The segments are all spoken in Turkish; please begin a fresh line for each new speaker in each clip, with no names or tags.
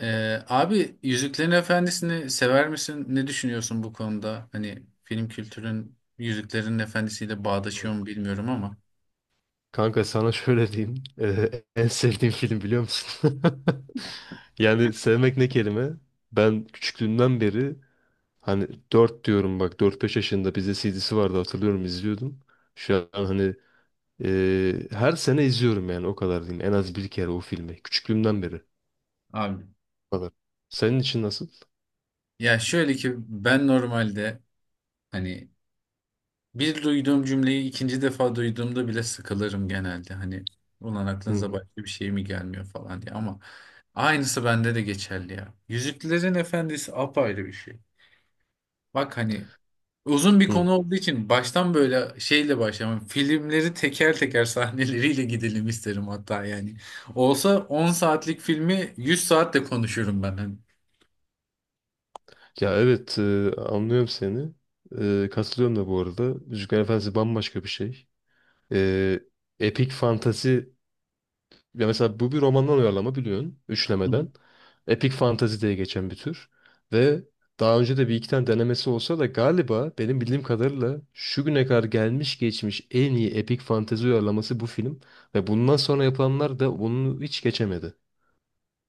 Abi Yüzüklerin Efendisi'ni sever misin? Ne düşünüyorsun bu konuda? Hani film kültürün Yüzüklerin Efendisi'yle bağdaşıyor mu bilmiyorum ama.
Kanka sana şöyle diyeyim. En sevdiğim film biliyor musun? Yani sevmek ne kelime? Ben küçüklüğümden beri hani dört diyorum bak dört beş yaşında bizde CD'si vardı hatırlıyorum izliyordum. Şu an hani her sene izliyorum yani o kadar diyeyim. En az bir kere o filmi. Küçüklüğümden beri.
Abi
Kadar. Senin için nasıl?
ya şöyle ki ben normalde hani bir duyduğum cümleyi ikinci defa duyduğumda bile sıkılırım genelde. Hani ulan
Hı
aklınıza
hı.
başka bir şey mi gelmiyor falan diye ama aynısı bende de geçerli ya. Yüzüklerin Efendisi apayrı bir şey. Bak hani uzun bir
Hı.
konu olduğu için baştan böyle şeyle başlamam. Filmleri teker teker sahneleriyle gidelim isterim hatta yani. Olsa 10 saatlik filmi 100 saatte konuşurum ben. Hani.
Ya evet, anlıyorum seni. E, katılıyorum da bu arada. Yüzüklerin Efendisi bambaşka bir şey. E, epik fantazi, ya mesela bu bir romandan uyarlama biliyorsun. Üçlemeden. Epik fantazi diye geçen bir tür. Ve daha önce de bir iki tane denemesi olsa da galiba benim bildiğim kadarıyla şu güne kadar gelmiş geçmiş en iyi epik fantezi uyarlaması bu film. Ve bundan sonra yapılanlar da bunu hiç geçemedi.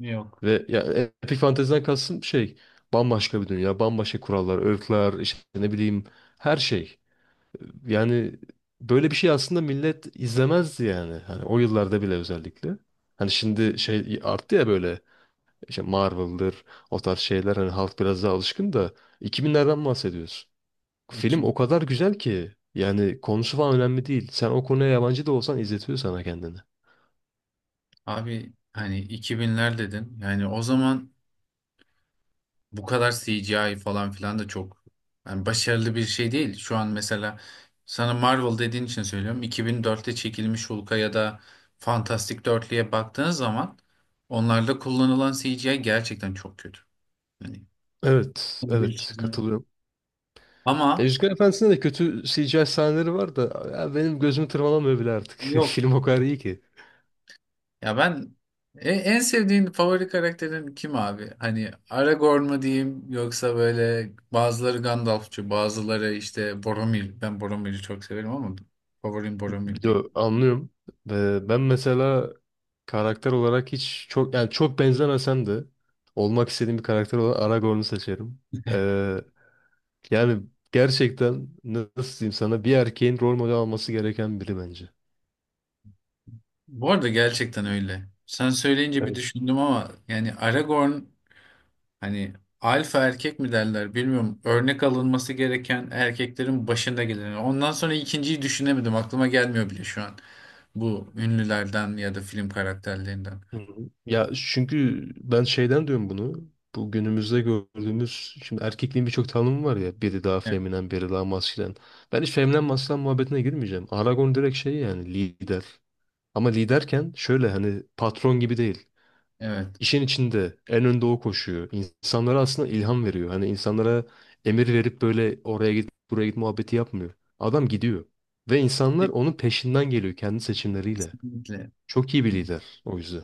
Yok.
Ve ya epik Fantasy'den kastım şey, bambaşka bir dünya, bambaşka kurallar, öğütler, işte ne bileyim, her şey. Yani böyle bir şey aslında millet izlemezdi yani. Hani o yıllarda bile özellikle. Hani şimdi şey arttı ya, böyle işte Marvel'dır, o tarz şeyler, hani halk biraz daha alışkın da 2000'lerden bahsediyorsun. Film
2000.
o kadar güzel ki yani konusu falan önemli değil. Sen o konuya yabancı da olsan izletiyor sana kendini.
Abi hani 2000'ler dedin. Yani o zaman bu kadar CGI falan filan da çok yani başarılı bir şey değil. Şu an mesela sana Marvel dediğin için söylüyorum. 2004'te çekilmiş Hulk'a ya da Fantastic Dörtlü'ye baktığınız zaman onlarda kullanılan CGI gerçekten çok kötü. Yani
Evet,
bir
evet
çizim.
katılıyorum. Ya
Ama
Yüzükler Efendisi'nde de kötü CGI sahneleri var da ya benim gözümü tırmalamıyor bile artık.
yok.
Film o kadar iyi ki.
Ya ben en sevdiğin favori karakterin kim abi? Hani Aragorn mu diyeyim yoksa böyle bazıları Gandalfçı, bazıları işte Boromir. Ben Boromir'i çok severim ama favorim Boromir değil.
Yo, anlıyorum. Ve ben mesela karakter olarak hiç çok yani çok benzemesem de olmak istediğim bir karakter olan Aragorn'u seçerim. Ee, yani gerçekten nasıl diyeyim sana, bir erkeğin rol model alması gereken biri bence.
Bu arada gerçekten öyle. Sen söyleyince bir düşündüm ama yani Aragorn hani alfa erkek mi derler bilmiyorum. Örnek alınması gereken erkeklerin başında gelen. Ondan sonra ikinciyi düşünemedim. Aklıma gelmiyor bile şu an. Bu ünlülerden ya da film karakterlerinden.
Hı hı. Ya çünkü ben şeyden diyorum bunu. Bu günümüzde gördüğümüz, şimdi erkekliğin birçok tanımı var ya. Biri daha
Evet.
feminen, biri daha maskülen. Ben hiç feminen maskülen muhabbetine girmeyeceğim. Aragon direkt şey, yani lider. Ama liderken şöyle hani patron gibi değil.
Evet.
İşin içinde en önde o koşuyor. İnsanlara aslında ilham veriyor. Hani insanlara emir verip böyle oraya git buraya git muhabbeti yapmıyor. Adam gidiyor. Ve insanlar onun peşinden geliyor, kendi seçimleriyle.
Kesinlikle.
Çok iyi bir lider o yüzden.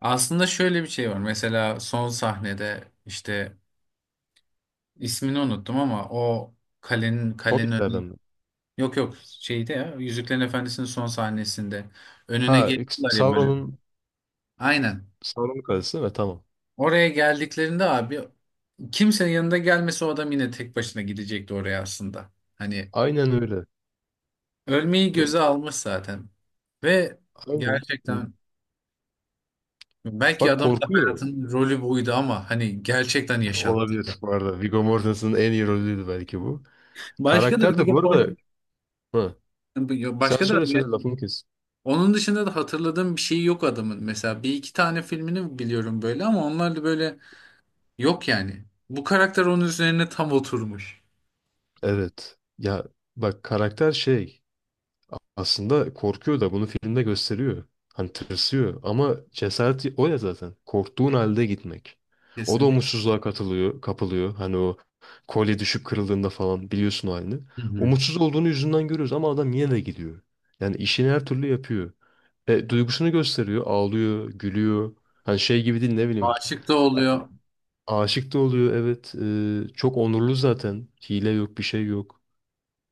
Aslında şöyle bir şey var. Mesela son sahnede işte ismini unuttum ama o kalenin önü,
Hobbitlerden mi?
yok yok, şeyde ya, Yüzüklerin Efendisi'nin son sahnesinde önüne
Ha,
geliyorlar ya böyle.
Sauron'un
Aynen.
Sauron'un kalesi değil mi? Tamam.
Oraya geldiklerinde abi kimsenin yanında gelmesi o adam yine tek başına gidecekti oraya aslında. Hani
Aynen öyle.
ölmeyi
Böyle-
göze almış zaten. Ve
Aynen. Hı.
gerçekten belki
Bak
adamın da
korkuyor.
hayatının rolü buydu ama hani gerçekten yaşattı.
Olabilir bu arada. Viggo Mortensen'ın en iyi rolüydü belki bu.
Başka da
Karakter de
Vigo
bu
Port-
arada... Hı. Sen
başka da
söyle
yani
söyle, lafını kes.
onun dışında da hatırladığım bir şey yok adamın. Mesela bir iki tane filmini biliyorum böyle ama onlar da böyle yok yani. Bu karakter onun üzerine tam oturmuş.
Evet. Ya bak karakter şey... Aslında korkuyor da bunu filmde gösteriyor. Hani tırsıyor ama cesareti o ya zaten. Korktuğun halde gitmek. O da
Kesinlikle.
umutsuzluğa katılıyor, kapılıyor. Hani o kolye düşüp kırıldığında falan biliyorsun o halini.
Hı hı.
Umutsuz olduğunu yüzünden görüyoruz ama adam yine de gidiyor. Yani işini her türlü yapıyor. E, duygusunu gösteriyor. Ağlıyor, gülüyor. Hani şey gibi değil, ne bileyim.
Aşık da oluyor.
Aşık da oluyor, evet. E, çok onurlu zaten. Hile yok, bir şey yok.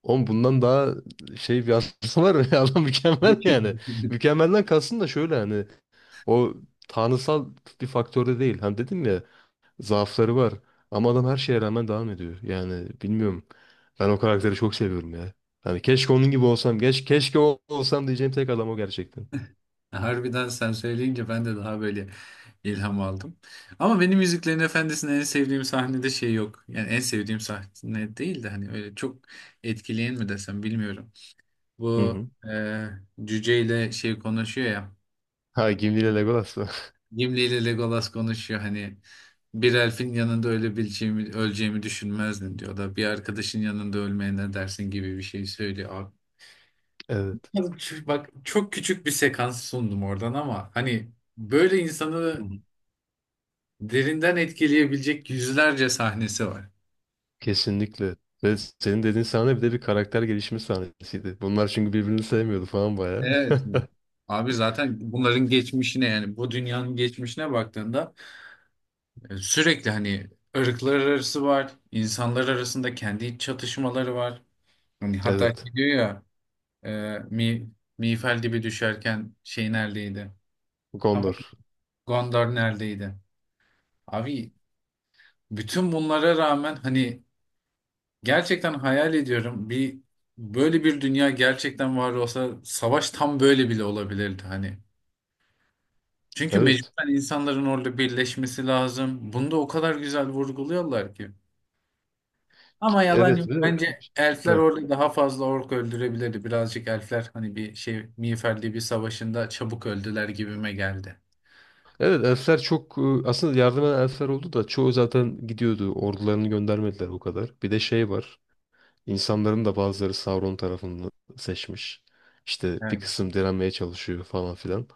Oğlum bundan daha şey, bir aslı var mı? Adam mükemmel yani. Mükemmelden kalsın da şöyle hani, o tanrısal bir faktörde değil. Hani dedim ya, zaafları var. Ama adam her şeye rağmen devam ediyor. Yani bilmiyorum. Ben o karakteri çok seviyorum ya. Hani keşke onun gibi olsam. Keşke o olsam diyeceğim tek adam o gerçekten.
Harbiden sen söyleyince ben de daha böyle ilham aldım. Ama benim Yüzüklerin Efendisi'nin en sevdiğim sahnede şey yok. Yani en sevdiğim sahne değil de hani öyle çok etkileyen mi desem bilmiyorum.
Hı
Bu
hı.
e, cüceyle şey konuşuyor ya.
Ha Gimli ile Legolas mı?
Gimli ile Legolas konuşuyor hani bir elfin yanında ölebileceğimi öleceğimi düşünmezdin diyor da bir arkadaşın yanında ölmeye ne dersin gibi bir şey söylüyor. Abi,
Evet.
bak çok küçük bir sekans sundum oradan ama hani böyle
Hı
insanı
hı.
derinden etkileyebilecek yüzlerce sahnesi var.
Kesinlikle. Ve senin dediğin sahne bir de bir karakter gelişimi sahnesiydi. Bunlar çünkü birbirini sevmiyordu falan bayağı.
Evet. Abi zaten bunların geçmişine yani bu dünyanın geçmişine baktığında sürekli hani ırklar arası var, insanlar arasında kendi iç çatışmaları var. Hani hatta şey
Evet.
diyor ya, Ee, Mi, Mifel gibi düşerken şey neredeydi? Tamam.
Gondor.
Gondor neredeydi? Abi bütün bunlara rağmen hani gerçekten hayal ediyorum bir, böyle bir dünya gerçekten var olsa savaş tam böyle bile olabilirdi hani. Çünkü
Evet.
mecburen insanların orada birleşmesi lazım. Bunu da o kadar güzel vurguluyorlar ki. Ama yalan
Evet
yok.
ve,
Bence elfler
ha,
orada daha fazla ork öldürebilirdi. Birazcık elfler hani bir şey Miğfer bir savaşında çabuk öldüler gibime geldi.
evet elfler çok, aslında yardım eden elfler oldu da çoğu zaten gidiyordu. Ordularını göndermediler o kadar. Bir de şey var. İnsanların da bazıları Sauron tarafını seçmiş. İşte bir
Evet.
kısım direnmeye çalışıyor falan filan.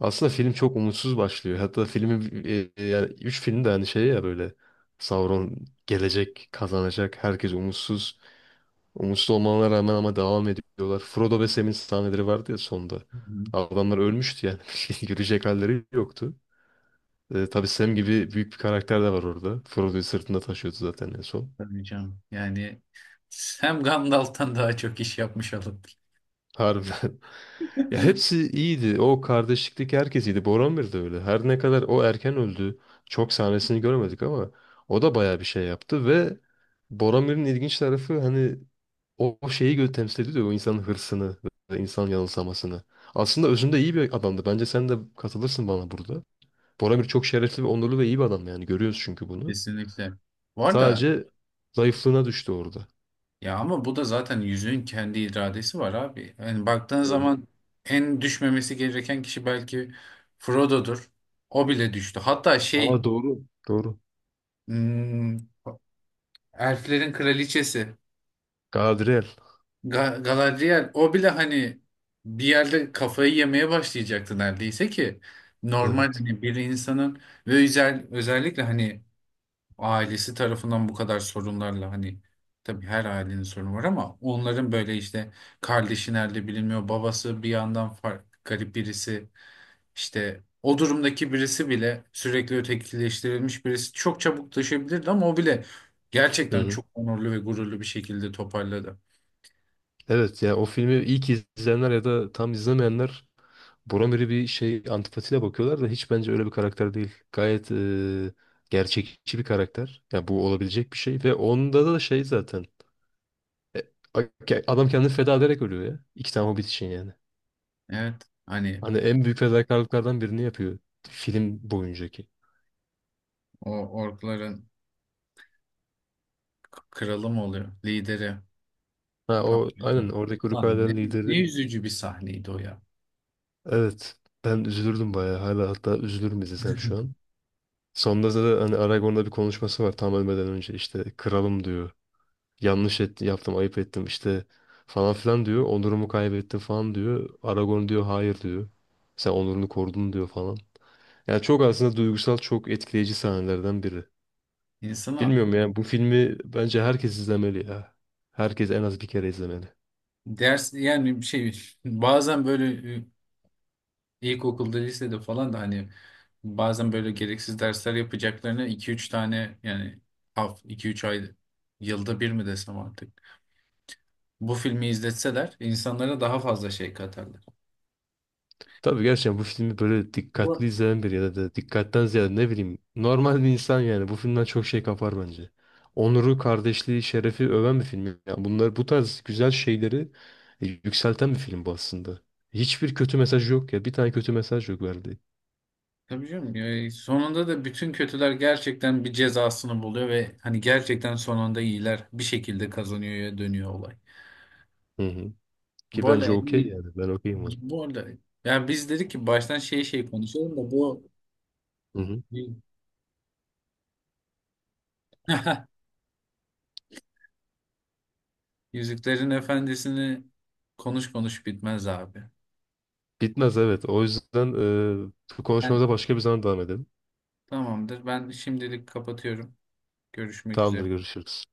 Aslında film çok umutsuz başlıyor. Hatta filmin yani 3 film de hani şey ya, böyle Sauron gelecek, kazanacak, herkes umutsuz. Umutsuz olmalarına rağmen ama devam ediyorlar. Frodo ve Sam'in sahneleri vardı ya sonda.
Hı hı.
Adamlar ölmüştü yani. Yürüyecek halleri yoktu. Tabii Sam gibi büyük bir karakter de var orada. Frodo'yu sırtında taşıyordu zaten en son.
Tabii canım. Yani hem Gandalf'tan daha çok iş yapmış olurduk.
Harbiden. Ya hepsi iyiydi. O kardeşlikteki herkes iyiydi. Boromir de öyle. Her ne kadar o erken öldü. Çok sahnesini göremedik ama o da bayağı bir şey yaptı ve Boromir'in ilginç tarafı hani, O şeyi temsil ediyor ya, o insanın hırsını ve insan yanılsamasını. Aslında özünde iyi bir adamdı. Bence sen de katılırsın bana burada. Boramir çok şerefli ve onurlu ve iyi bir adam yani. Görüyoruz çünkü bunu.
Kesinlikle. Bu arada
Sadece zayıflığına düştü orada.
ya ama bu da zaten yüzüğün kendi iradesi var abi. Yani baktığın
Hı hı.
zaman en düşmemesi gereken kişi belki Frodo'dur. O bile düştü. Hatta şey,
Aa, doğru. Doğru.
hmm, elflerin kraliçesi
Galadriel.
Galadriel o bile hani bir yerde kafayı yemeye başlayacaktı neredeyse ki normal
Evet.
hani bir insanın ve özellikle hani ailesi tarafından bu kadar sorunlarla hani tabii her ailenin sorunu var ama onların böyle işte kardeşi nerede bilinmiyor, babası bir yandan fark, garip birisi işte o durumdaki birisi bile sürekli ötekileştirilmiş birisi çok çabuk düşebilirdi ama o bile
Hı
gerçekten
hı.
çok onurlu ve gururlu bir şekilde toparladı.
Evet ya, o filmi ilk izleyenler ya da tam izlemeyenler Boromir'i bir şey antipatiyle bakıyorlar da, hiç bence öyle bir karakter değil. Gayet gerçekçi bir karakter. Ya bu olabilecek bir şey ve onda da şey zaten. E, okey, adam kendini feda ederek ölüyor ya. İki tane Hobbit için yani.
Evet hani
Hani en büyük fedakarlıklardan birini yapıyor film boyuncaki.
o orkların kralı mı oluyor, lideri?
Ha
Tam
o aynen
biliyorum.
oradaki Uruk-hai
Lan
lideri.
ne üzücü bir sahneydi o ya.
Evet. Ben üzülürdüm bayağı. Hala hatta üzülürüm izlesem şu an. Sonunda da hani Aragorn'da bir konuşması var tam ölmeden önce, işte kralım diyor. Yanlış ettim, yaptım, ayıp ettim işte falan filan diyor. Onurumu kaybettim falan diyor. Aragorn diyor hayır diyor. Sen onurunu korudun diyor falan. Yani çok aslında duygusal, çok etkileyici sahnelerden biri.
İnsana
Bilmiyorum ya, bu filmi bence herkes izlemeli ya. Herkes en az bir kere izlemeli.
ders yani bir şey bazen böyle ilkokulda lisede falan da hani bazen böyle gereksiz dersler yapacaklarına iki üç tane yani iki üç ay yılda bir mi desem artık. Bu filmi izletseler insanlara daha fazla şey katarlar.
Tabii gerçekten bu filmi böyle
Bu
dikkatli izleyen biri ya da da dikkatten ziyade ne bileyim normal bir insan yani bu filmden çok şey kapar bence. Onuru, kardeşliği, şerefi öven bir film. Yani bunlar, bu tarz güzel şeyleri yükselten bir film bu aslında. Hiçbir kötü mesaj yok ya. Bir tane kötü mesaj yok verdiği.
tabii canım. Ya, sonunda da bütün kötüler gerçekten bir cezasını buluyor ve hani gerçekten sonunda iyiler bir şekilde kazanıyor ya dönüyor olay.
Hı hı. Ki
Bu arada
bence
en
okey
iyi,
yani. Ben okeyim ona.
bu arada yani biz dedik ki baştan şey şey konuşalım da bu
Hı hı.
Yüzüklerin Efendisi'ni konuş konuş bitmez abi.
Bitmez evet. O yüzden bu
Ben,
konuşmamıza başka bir zaman devam edelim.
tamamdır. Ben şimdilik kapatıyorum. Görüşmek
Tamamdır,
üzere.
görüşürüz.